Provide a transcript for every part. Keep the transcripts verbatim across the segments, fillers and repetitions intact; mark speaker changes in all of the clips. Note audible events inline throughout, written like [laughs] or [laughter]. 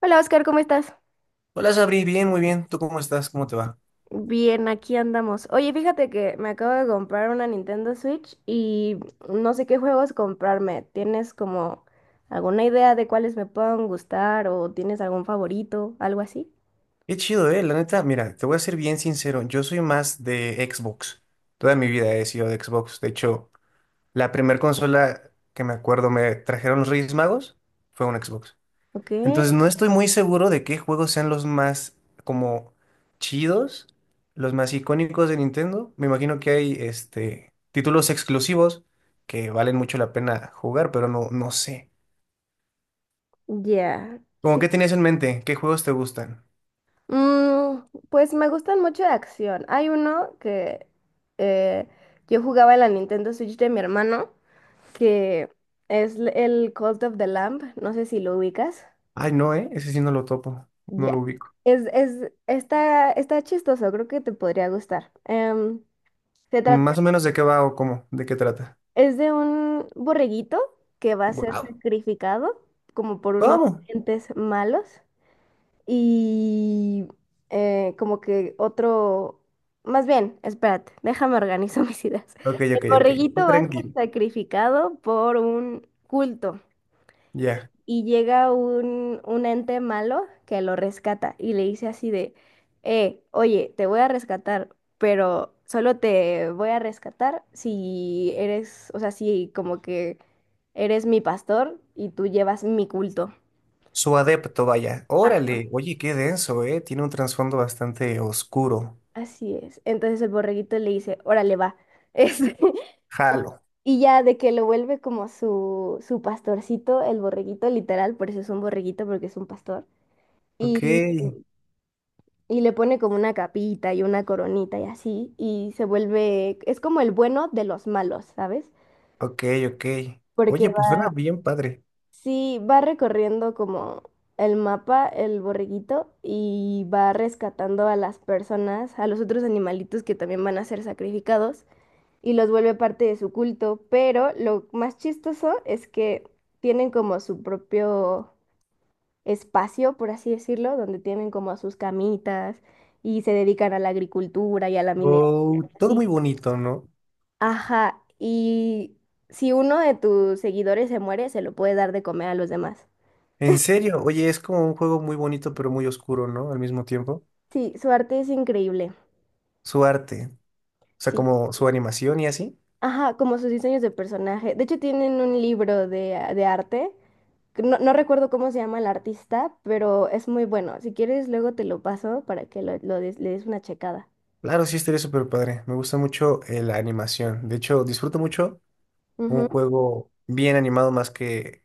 Speaker 1: Hola Oscar, ¿cómo estás?
Speaker 2: Hola Sabri, bien, muy bien. ¿Tú cómo estás? ¿Cómo te va?
Speaker 1: Bien, aquí andamos. Oye, fíjate que me acabo de comprar una Nintendo Switch y no sé qué juegos comprarme. ¿Tienes como alguna idea de cuáles me puedan gustar o tienes algún favorito, algo así?
Speaker 2: Qué chido, eh. La neta, mira, te voy a ser bien sincero. Yo soy más de Xbox. Toda mi vida he sido de Xbox. De hecho, la primer consola que me acuerdo me trajeron los Reyes Magos fue un Xbox.
Speaker 1: Ok,
Speaker 2: Entonces, no estoy muy seguro de qué juegos sean los más como chidos, los más icónicos de Nintendo. Me imagino que hay este títulos exclusivos que valen mucho la pena jugar, pero no, no sé.
Speaker 1: ya.
Speaker 2: ¿Cómo qué tenías en mente? ¿Qué juegos te gustan?
Speaker 1: Mm, pues me gustan mucho de acción. Hay uno que eh, yo jugaba en la Nintendo Switch de mi hermano, que es l- el Cult of the Lamb. No sé si lo ubicas.
Speaker 2: Ay, no, ¿eh? Ese sí no lo topo, no
Speaker 1: Ya.
Speaker 2: lo ubico.
Speaker 1: Es, es, está, está chistoso, creo que te podría gustar. Em, se trata,
Speaker 2: Más o menos de qué va o cómo, de qué trata.
Speaker 1: es de un borreguito que va a ser
Speaker 2: Wow.
Speaker 1: sacrificado como por unos
Speaker 2: ¿Cómo?
Speaker 1: entes malos. Y eh, como que otro, más bien, espérate, déjame organizo [laughs] mis ideas.
Speaker 2: Ok,
Speaker 1: El
Speaker 2: ok, ok. Tú
Speaker 1: borreguito va a
Speaker 2: tranquilo.
Speaker 1: ser sacrificado por un culto
Speaker 2: Ya.
Speaker 1: y llega un, un ente malo que lo rescata y le dice así de, eh, oye, te voy a rescatar, pero solo te voy a rescatar si eres, o sea, si como que eres mi pastor y tú llevas mi culto.
Speaker 2: Su adepto, vaya. Órale. Oye, qué denso, ¿eh? Tiene un trasfondo bastante oscuro.
Speaker 1: Así es. Entonces el borreguito le dice, órale, va. Este, [laughs]
Speaker 2: Jalo.
Speaker 1: y ya de que lo vuelve como su, su pastorcito, el borreguito, literal, por eso es un borreguito, porque es un pastor.
Speaker 2: Ok,
Speaker 1: Y, y le pone como una capita y una coronita y así, y se vuelve, es como el bueno de los malos, ¿sabes?
Speaker 2: ok, ok.
Speaker 1: Porque
Speaker 2: Oye, pues
Speaker 1: va,
Speaker 2: suena bien padre.
Speaker 1: sí, va recorriendo como el mapa, el borreguito, y va rescatando a las personas, a los otros animalitos que también van a ser sacrificados, y los vuelve parte de su culto, pero lo más chistoso es que tienen como su propio espacio, por así decirlo, donde tienen como sus camitas y se dedican a la agricultura y a la minería.
Speaker 2: Oh, todo
Speaker 1: Sí.
Speaker 2: muy bonito, ¿no?
Speaker 1: Ajá, y si uno de tus seguidores se muere, se lo puede dar de comer a los demás.
Speaker 2: En serio, oye, es como un juego muy bonito, pero muy oscuro, ¿no? Al mismo tiempo.
Speaker 1: Sí, su arte es increíble.
Speaker 2: Su arte, o sea,
Speaker 1: Sí,
Speaker 2: como su animación y así.
Speaker 1: ajá, como sus diseños de personaje. De hecho, tienen un libro de, ah, de arte. Que No, no recuerdo cómo se llama el artista, pero es muy bueno. Si quieres, luego te lo paso para que lo, lo des- le des una checada.
Speaker 2: Claro, sí, estaría súper padre. Me gusta mucho eh, la animación. De hecho, disfruto mucho
Speaker 1: Ujú.
Speaker 2: un juego bien animado más que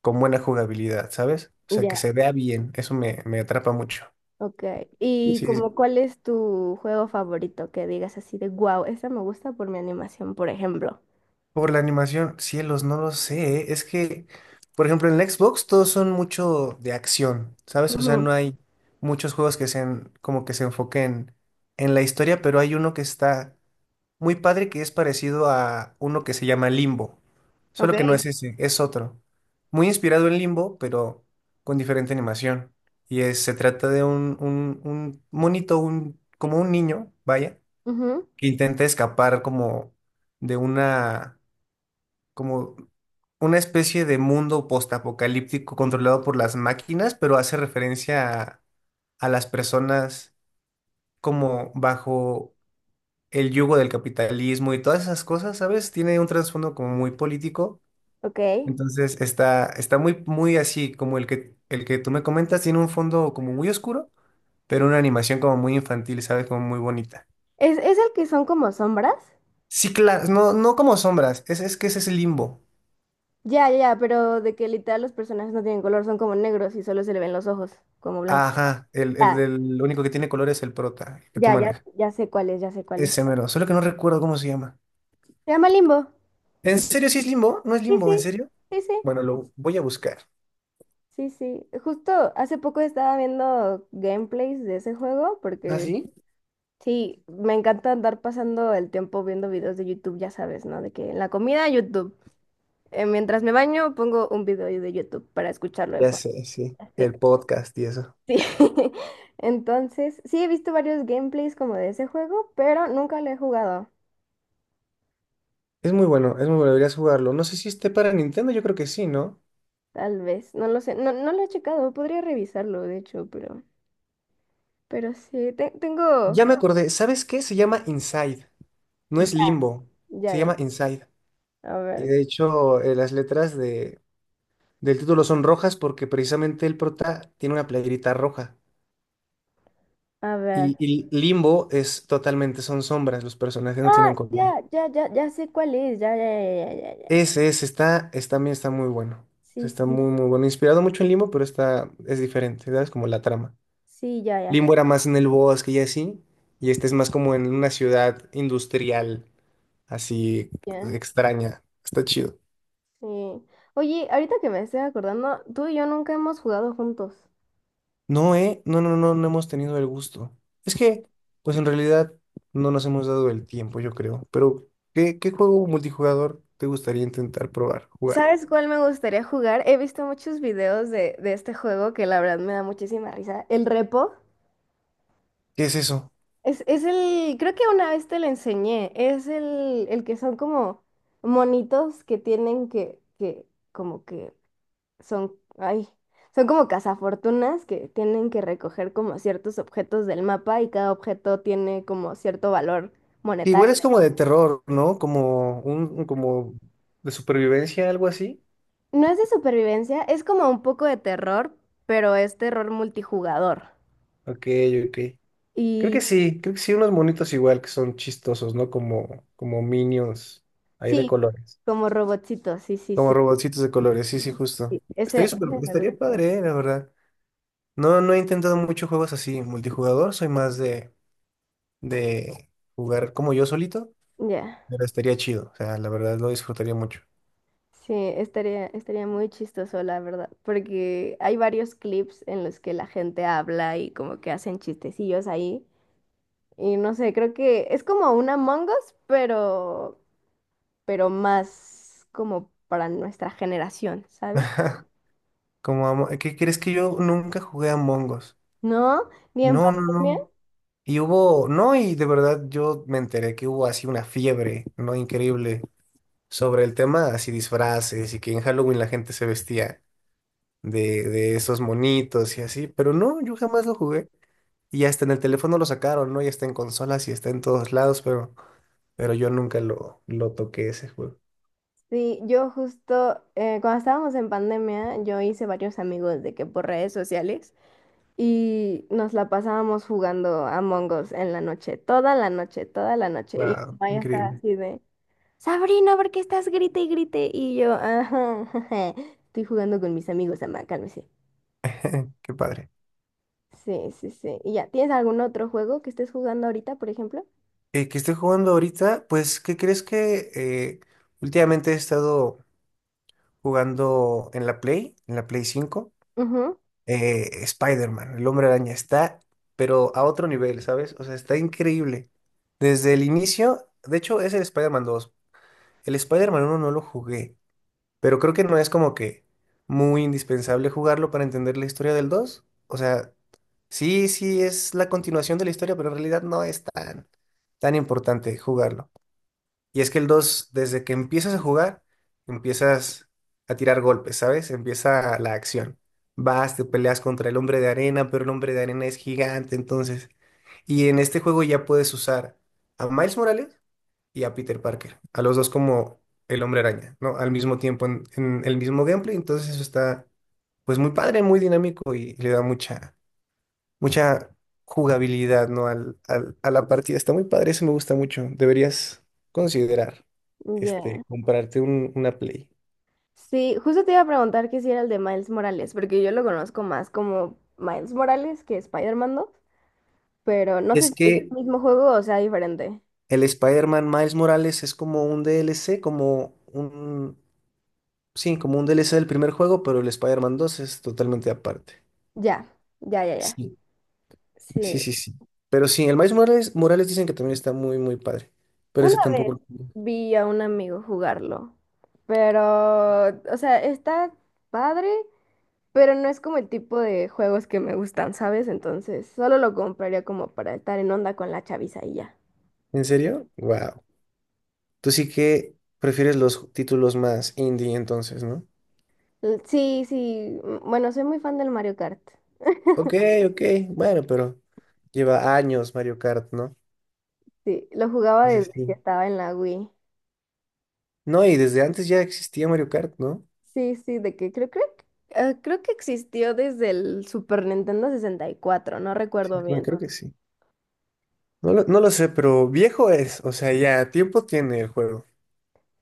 Speaker 2: con buena jugabilidad, ¿sabes? O sea,
Speaker 1: Ya,
Speaker 2: que se vea bien. Eso me, me atrapa mucho.
Speaker 1: ok. ¿Y
Speaker 2: Sí, sí.
Speaker 1: como cuál es tu juego favorito que digas así de, wow, esa me gusta por mi animación, por ejemplo?
Speaker 2: Por la animación, cielos, no lo sé. ¿Eh? Es que, por ejemplo, en la Xbox todos son mucho de acción, ¿sabes? O sea,
Speaker 1: Ujú.
Speaker 2: no hay muchos juegos que sean como que se enfoquen en la historia, pero hay uno que está muy padre que es parecido a uno que se llama Limbo,
Speaker 1: Ok.
Speaker 2: solo que no es ese, es otro. Muy inspirado en Limbo, pero con diferente animación. Y es- se trata de un, un, un monito, un, como un niño, vaya,
Speaker 1: Ujú.
Speaker 2: que intenta escapar como de una, como una especie de mundo postapocalíptico controlado por las máquinas, pero hace referencia a, a las personas como bajo el yugo del capitalismo y todas esas cosas, ¿sabes? Tiene un trasfondo como muy político.
Speaker 1: Ok.
Speaker 2: Entonces está, está muy, muy así, como el que, el que tú me comentas, tiene un fondo como muy oscuro, pero una animación como muy infantil, ¿sabes? Como muy bonita.
Speaker 1: ¿Es, es el que son como sombras?
Speaker 2: Sí, claro, no, no como sombras, es, es que ese es el limbo.
Speaker 1: Ya, ya, ya, pero de que literal los personajes no tienen color, son como negros y solo se le ven los ojos, como blancos.
Speaker 2: Ajá, el, el
Speaker 1: Ya,
Speaker 2: del lo único que tiene color es el prota, el que tú
Speaker 1: ya, ya,
Speaker 2: manejas.
Speaker 1: ya sé cuál es, ya sé cuál es.
Speaker 2: Ese mero, solo que no recuerdo cómo se llama.
Speaker 1: Se llama Limbo.
Speaker 2: ¿En serio sí es limbo? ¿No es
Speaker 1: Sí,
Speaker 2: limbo? ¿En
Speaker 1: sí,
Speaker 2: serio?
Speaker 1: sí, sí,
Speaker 2: Bueno, lo voy a buscar.
Speaker 1: sí, sí. Justo hace poco estaba viendo gameplays de ese juego
Speaker 2: ¿Ah,
Speaker 1: porque
Speaker 2: sí?
Speaker 1: sí, me encanta andar pasando el tiempo viendo videos de YouTube, ya sabes, ¿no? De que en la comida, YouTube. Eh, mientras me baño, pongo un video de YouTube para escucharlo de
Speaker 2: Ya
Speaker 1: fondo.
Speaker 2: sé, sí.
Speaker 1: Así.
Speaker 2: El podcast y eso.
Speaker 1: Sí. [laughs] Entonces, sí he visto varios gameplays como de ese juego, pero nunca lo he jugado.
Speaker 2: Es muy bueno, es muy bueno, deberías jugarlo. No sé si esté para Nintendo, yo creo que sí, ¿no?
Speaker 1: Tal vez, no lo sé, no, no lo he checado, podría revisarlo, de hecho, pero... Pero sí, te- tengo...
Speaker 2: Ya me acordé, ¿sabes qué? Se llama Inside, no es Limbo,
Speaker 1: Ya,
Speaker 2: se
Speaker 1: ya.
Speaker 2: llama Inside.
Speaker 1: A
Speaker 2: Y
Speaker 1: ver,
Speaker 2: de hecho, eh, las letras de, del título son rojas porque precisamente el prota tiene una playerita roja.
Speaker 1: a ver.
Speaker 2: Y, y Limbo es totalmente, son sombras, los personajes no
Speaker 1: Ah,
Speaker 2: tienen color.
Speaker 1: ya, ya, ya, ya sé cuál es. Ya, ya, ya, ya, ya, ya.
Speaker 2: Ese, es está, es, también está muy bueno.
Speaker 1: Sí,
Speaker 2: Está
Speaker 1: sí,
Speaker 2: muy, muy bueno. Inspirado mucho en Limbo, pero está, es diferente, ¿sabes? Como la trama.
Speaker 1: sí, ya,
Speaker 2: Limbo
Speaker 1: ya.
Speaker 2: era más en el bosque y así, y este es más como en una ciudad industrial, así
Speaker 1: Ya,
Speaker 2: extraña. Está chido.
Speaker 1: sí. Oye, ahorita que me estoy acordando, tú y yo nunca hemos jugado juntos.
Speaker 2: No, eh, no, no, no, no hemos tenido el gusto. Es que, pues en realidad no nos hemos dado el tiempo, yo creo. Pero, ¿qué, qué juego multijugador te gustaría intentar probar, jugar?
Speaker 1: ¿Sabes cuál me gustaría jugar? He visto muchos videos de, de este juego que la verdad me da muchísima risa. El repo.
Speaker 2: ¿Qué es eso?
Speaker 1: Es, es el, creo que una vez te lo enseñé. Es el, el que son como monitos que tienen que, que, como que son, ay, son como cazafortunas que tienen que recoger como ciertos objetos del mapa y cada objeto tiene como cierto valor
Speaker 2: Que igual
Speaker 1: monetario.
Speaker 2: es como de terror, ¿no? Como un, un- como de supervivencia, algo así.
Speaker 1: No es de supervivencia, es como un poco de terror, pero es terror multijugador.
Speaker 2: Ok, ok. Creo
Speaker 1: Y
Speaker 2: que sí, creo que sí, unos monitos igual que son chistosos, ¿no? Como, como minions ahí de
Speaker 1: sí,
Speaker 2: colores.
Speaker 1: como robotcito, sí, sí,
Speaker 2: Como
Speaker 1: sí.
Speaker 2: robotcitos de colores, sí, sí, justo.
Speaker 1: Sí, Ese,
Speaker 2: Estaría súper,
Speaker 1: ese me
Speaker 2: estaría
Speaker 1: gustaría.
Speaker 2: padre, eh, la verdad. No, no he intentado muchos juegos así, multijugador, soy más de, de jugar como yo solito,
Speaker 1: Ya.
Speaker 2: pero estaría chido, o sea, la verdad lo disfrutaría mucho.
Speaker 1: Sí, estaría, estaría muy chistoso, la verdad, porque hay varios clips en los que la gente habla y como que hacen chistecillos ahí. Y no sé, creo que es como un Among Us, pero, pero más como para nuestra generación, ¿sabes?
Speaker 2: [laughs] Como amo- ¿qué crees que yo nunca jugué a Among Us?
Speaker 1: No, ni en
Speaker 2: No, no,
Speaker 1: pandemia.
Speaker 2: no. Y hubo, no, y de verdad yo me enteré que hubo así una fiebre, ¿no? Increíble sobre el tema así disfraces y que en Halloween la gente se vestía de, de esos monitos y así, pero no, yo jamás lo jugué. Y hasta en el teléfono lo sacaron, ¿no? Ya está en consolas y está en todos lados, pero, pero yo nunca lo, lo toqué ese juego.
Speaker 1: Sí, yo justo eh, cuando estábamos en pandemia, yo hice varios amigos de que por redes sociales y nos la pasábamos jugando Among Us en la noche, toda la noche, toda la noche. Y mi
Speaker 2: Wow,
Speaker 1: mamá
Speaker 2: qué
Speaker 1: ya estaba
Speaker 2: increíble,
Speaker 1: así de, Sabrina, ¿por qué estás grite y grite? Y yo, ajá, [laughs] jeje, estoy jugando con mis amigos, mamá, cálmese.
Speaker 2: qué padre.
Speaker 1: Sí, sí, sí. ¿Y ya tienes algún otro juego que estés jugando ahorita, por ejemplo?
Speaker 2: Eh, ¿qué estoy jugando ahorita? Pues, ¿qué crees que eh, últimamente he estado jugando en la Play, en la Play cinco
Speaker 1: Ujú.
Speaker 2: eh, Spider-Man, el Hombre Araña, está, pero a otro nivel, ¿sabes? O sea, está increíble. Desde el inicio, de hecho, es el Spider-Man dos. El Spider-Man uno no lo jugué, pero creo que no es como que muy indispensable jugarlo para entender la historia del dos. O sea, sí, sí es la continuación de la historia, pero en realidad no es tan, tan importante jugarlo. Y es que el dos desde que empiezas a jugar, empiezas a tirar golpes, ¿sabes? Empieza la acción. Vas, te peleas contra el hombre de arena, pero el hombre de arena es gigante, entonces. Y en este juego ya puedes usar a Miles Morales y a Peter Parker, a los dos como el hombre araña, ¿no? Al mismo tiempo en, en el mismo gameplay, entonces eso está, pues muy padre, muy dinámico y le da mucha, mucha jugabilidad, ¿no? Al, al- a la partida. Está muy padre, eso me gusta mucho. Deberías considerar,
Speaker 1: Ya.
Speaker 2: este, comprarte un- una Play.
Speaker 1: Sí, justo te iba a preguntar que si era el de Miles Morales, porque yo lo conozco más como Miles Morales que Spider-Man dos, pero no sé
Speaker 2: Es
Speaker 1: si es
Speaker 2: que
Speaker 1: el mismo juego o sea diferente.
Speaker 2: el Spider-Man Miles Morales es como un D L C, como un... Sí, como un D L C del primer juego, pero el Spider-Man dos es totalmente aparte.
Speaker 1: Ya, ya, ya, ya.
Speaker 2: Sí, sí,
Speaker 1: Sí.
Speaker 2: sí, sí. Pero sí, el Miles Morales, Morales dicen que también está muy, muy padre. Pero ese
Speaker 1: Una vez
Speaker 2: tampoco lo jugué.
Speaker 1: vi a un amigo jugarlo, pero, o sea, está padre, pero no es como el tipo de juegos que me gustan, ¿sabes? Entonces, solo lo compraría como para estar en onda con la chaviza y ya.
Speaker 2: ¿En serio? Wow. Tú sí que prefieres los títulos más indie entonces, ¿no?
Speaker 1: L- Sí, sí, m- bueno, soy muy fan del Mario Kart.
Speaker 2: Ok, ok, bueno, pero lleva años Mario Kart, ¿no?
Speaker 1: Sí, lo jugaba
Speaker 2: Dice
Speaker 1: desde
Speaker 2: sí,
Speaker 1: que
Speaker 2: sí.
Speaker 1: estaba en la Wii.
Speaker 2: No, y desde antes ya existía Mario Kart, ¿no?
Speaker 1: Sí, sí, de que creo, creo, que- eh, creo que existió desde el Super Nintendo sesenta y cuatro, no recuerdo
Speaker 2: Sí, bueno,
Speaker 1: bien.
Speaker 2: creo que sí. No lo, no lo sé, pero viejo es, o sea, ya tiempo tiene el juego.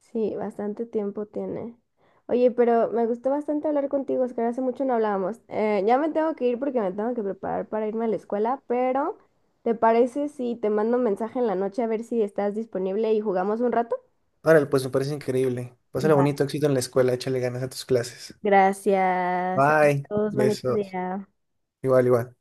Speaker 1: Sí, bastante tiempo tiene. Oye, pero me gustó bastante hablar contigo, Oscar. Hace mucho no hablábamos. Eh, ya me tengo que ir porque me tengo que preparar para irme a la escuela, pero ¿te parece si te mando un mensaje en la noche a ver si estás disponible y jugamos un rato?
Speaker 2: Ahora, pues me parece increíble. Pásale
Speaker 1: Va,
Speaker 2: bonito, éxito en la escuela, échale ganas a tus clases.
Speaker 1: gracias.
Speaker 2: Bye,
Speaker 1: Todos, bonitos
Speaker 2: besos.
Speaker 1: días.
Speaker 2: Igual, igual.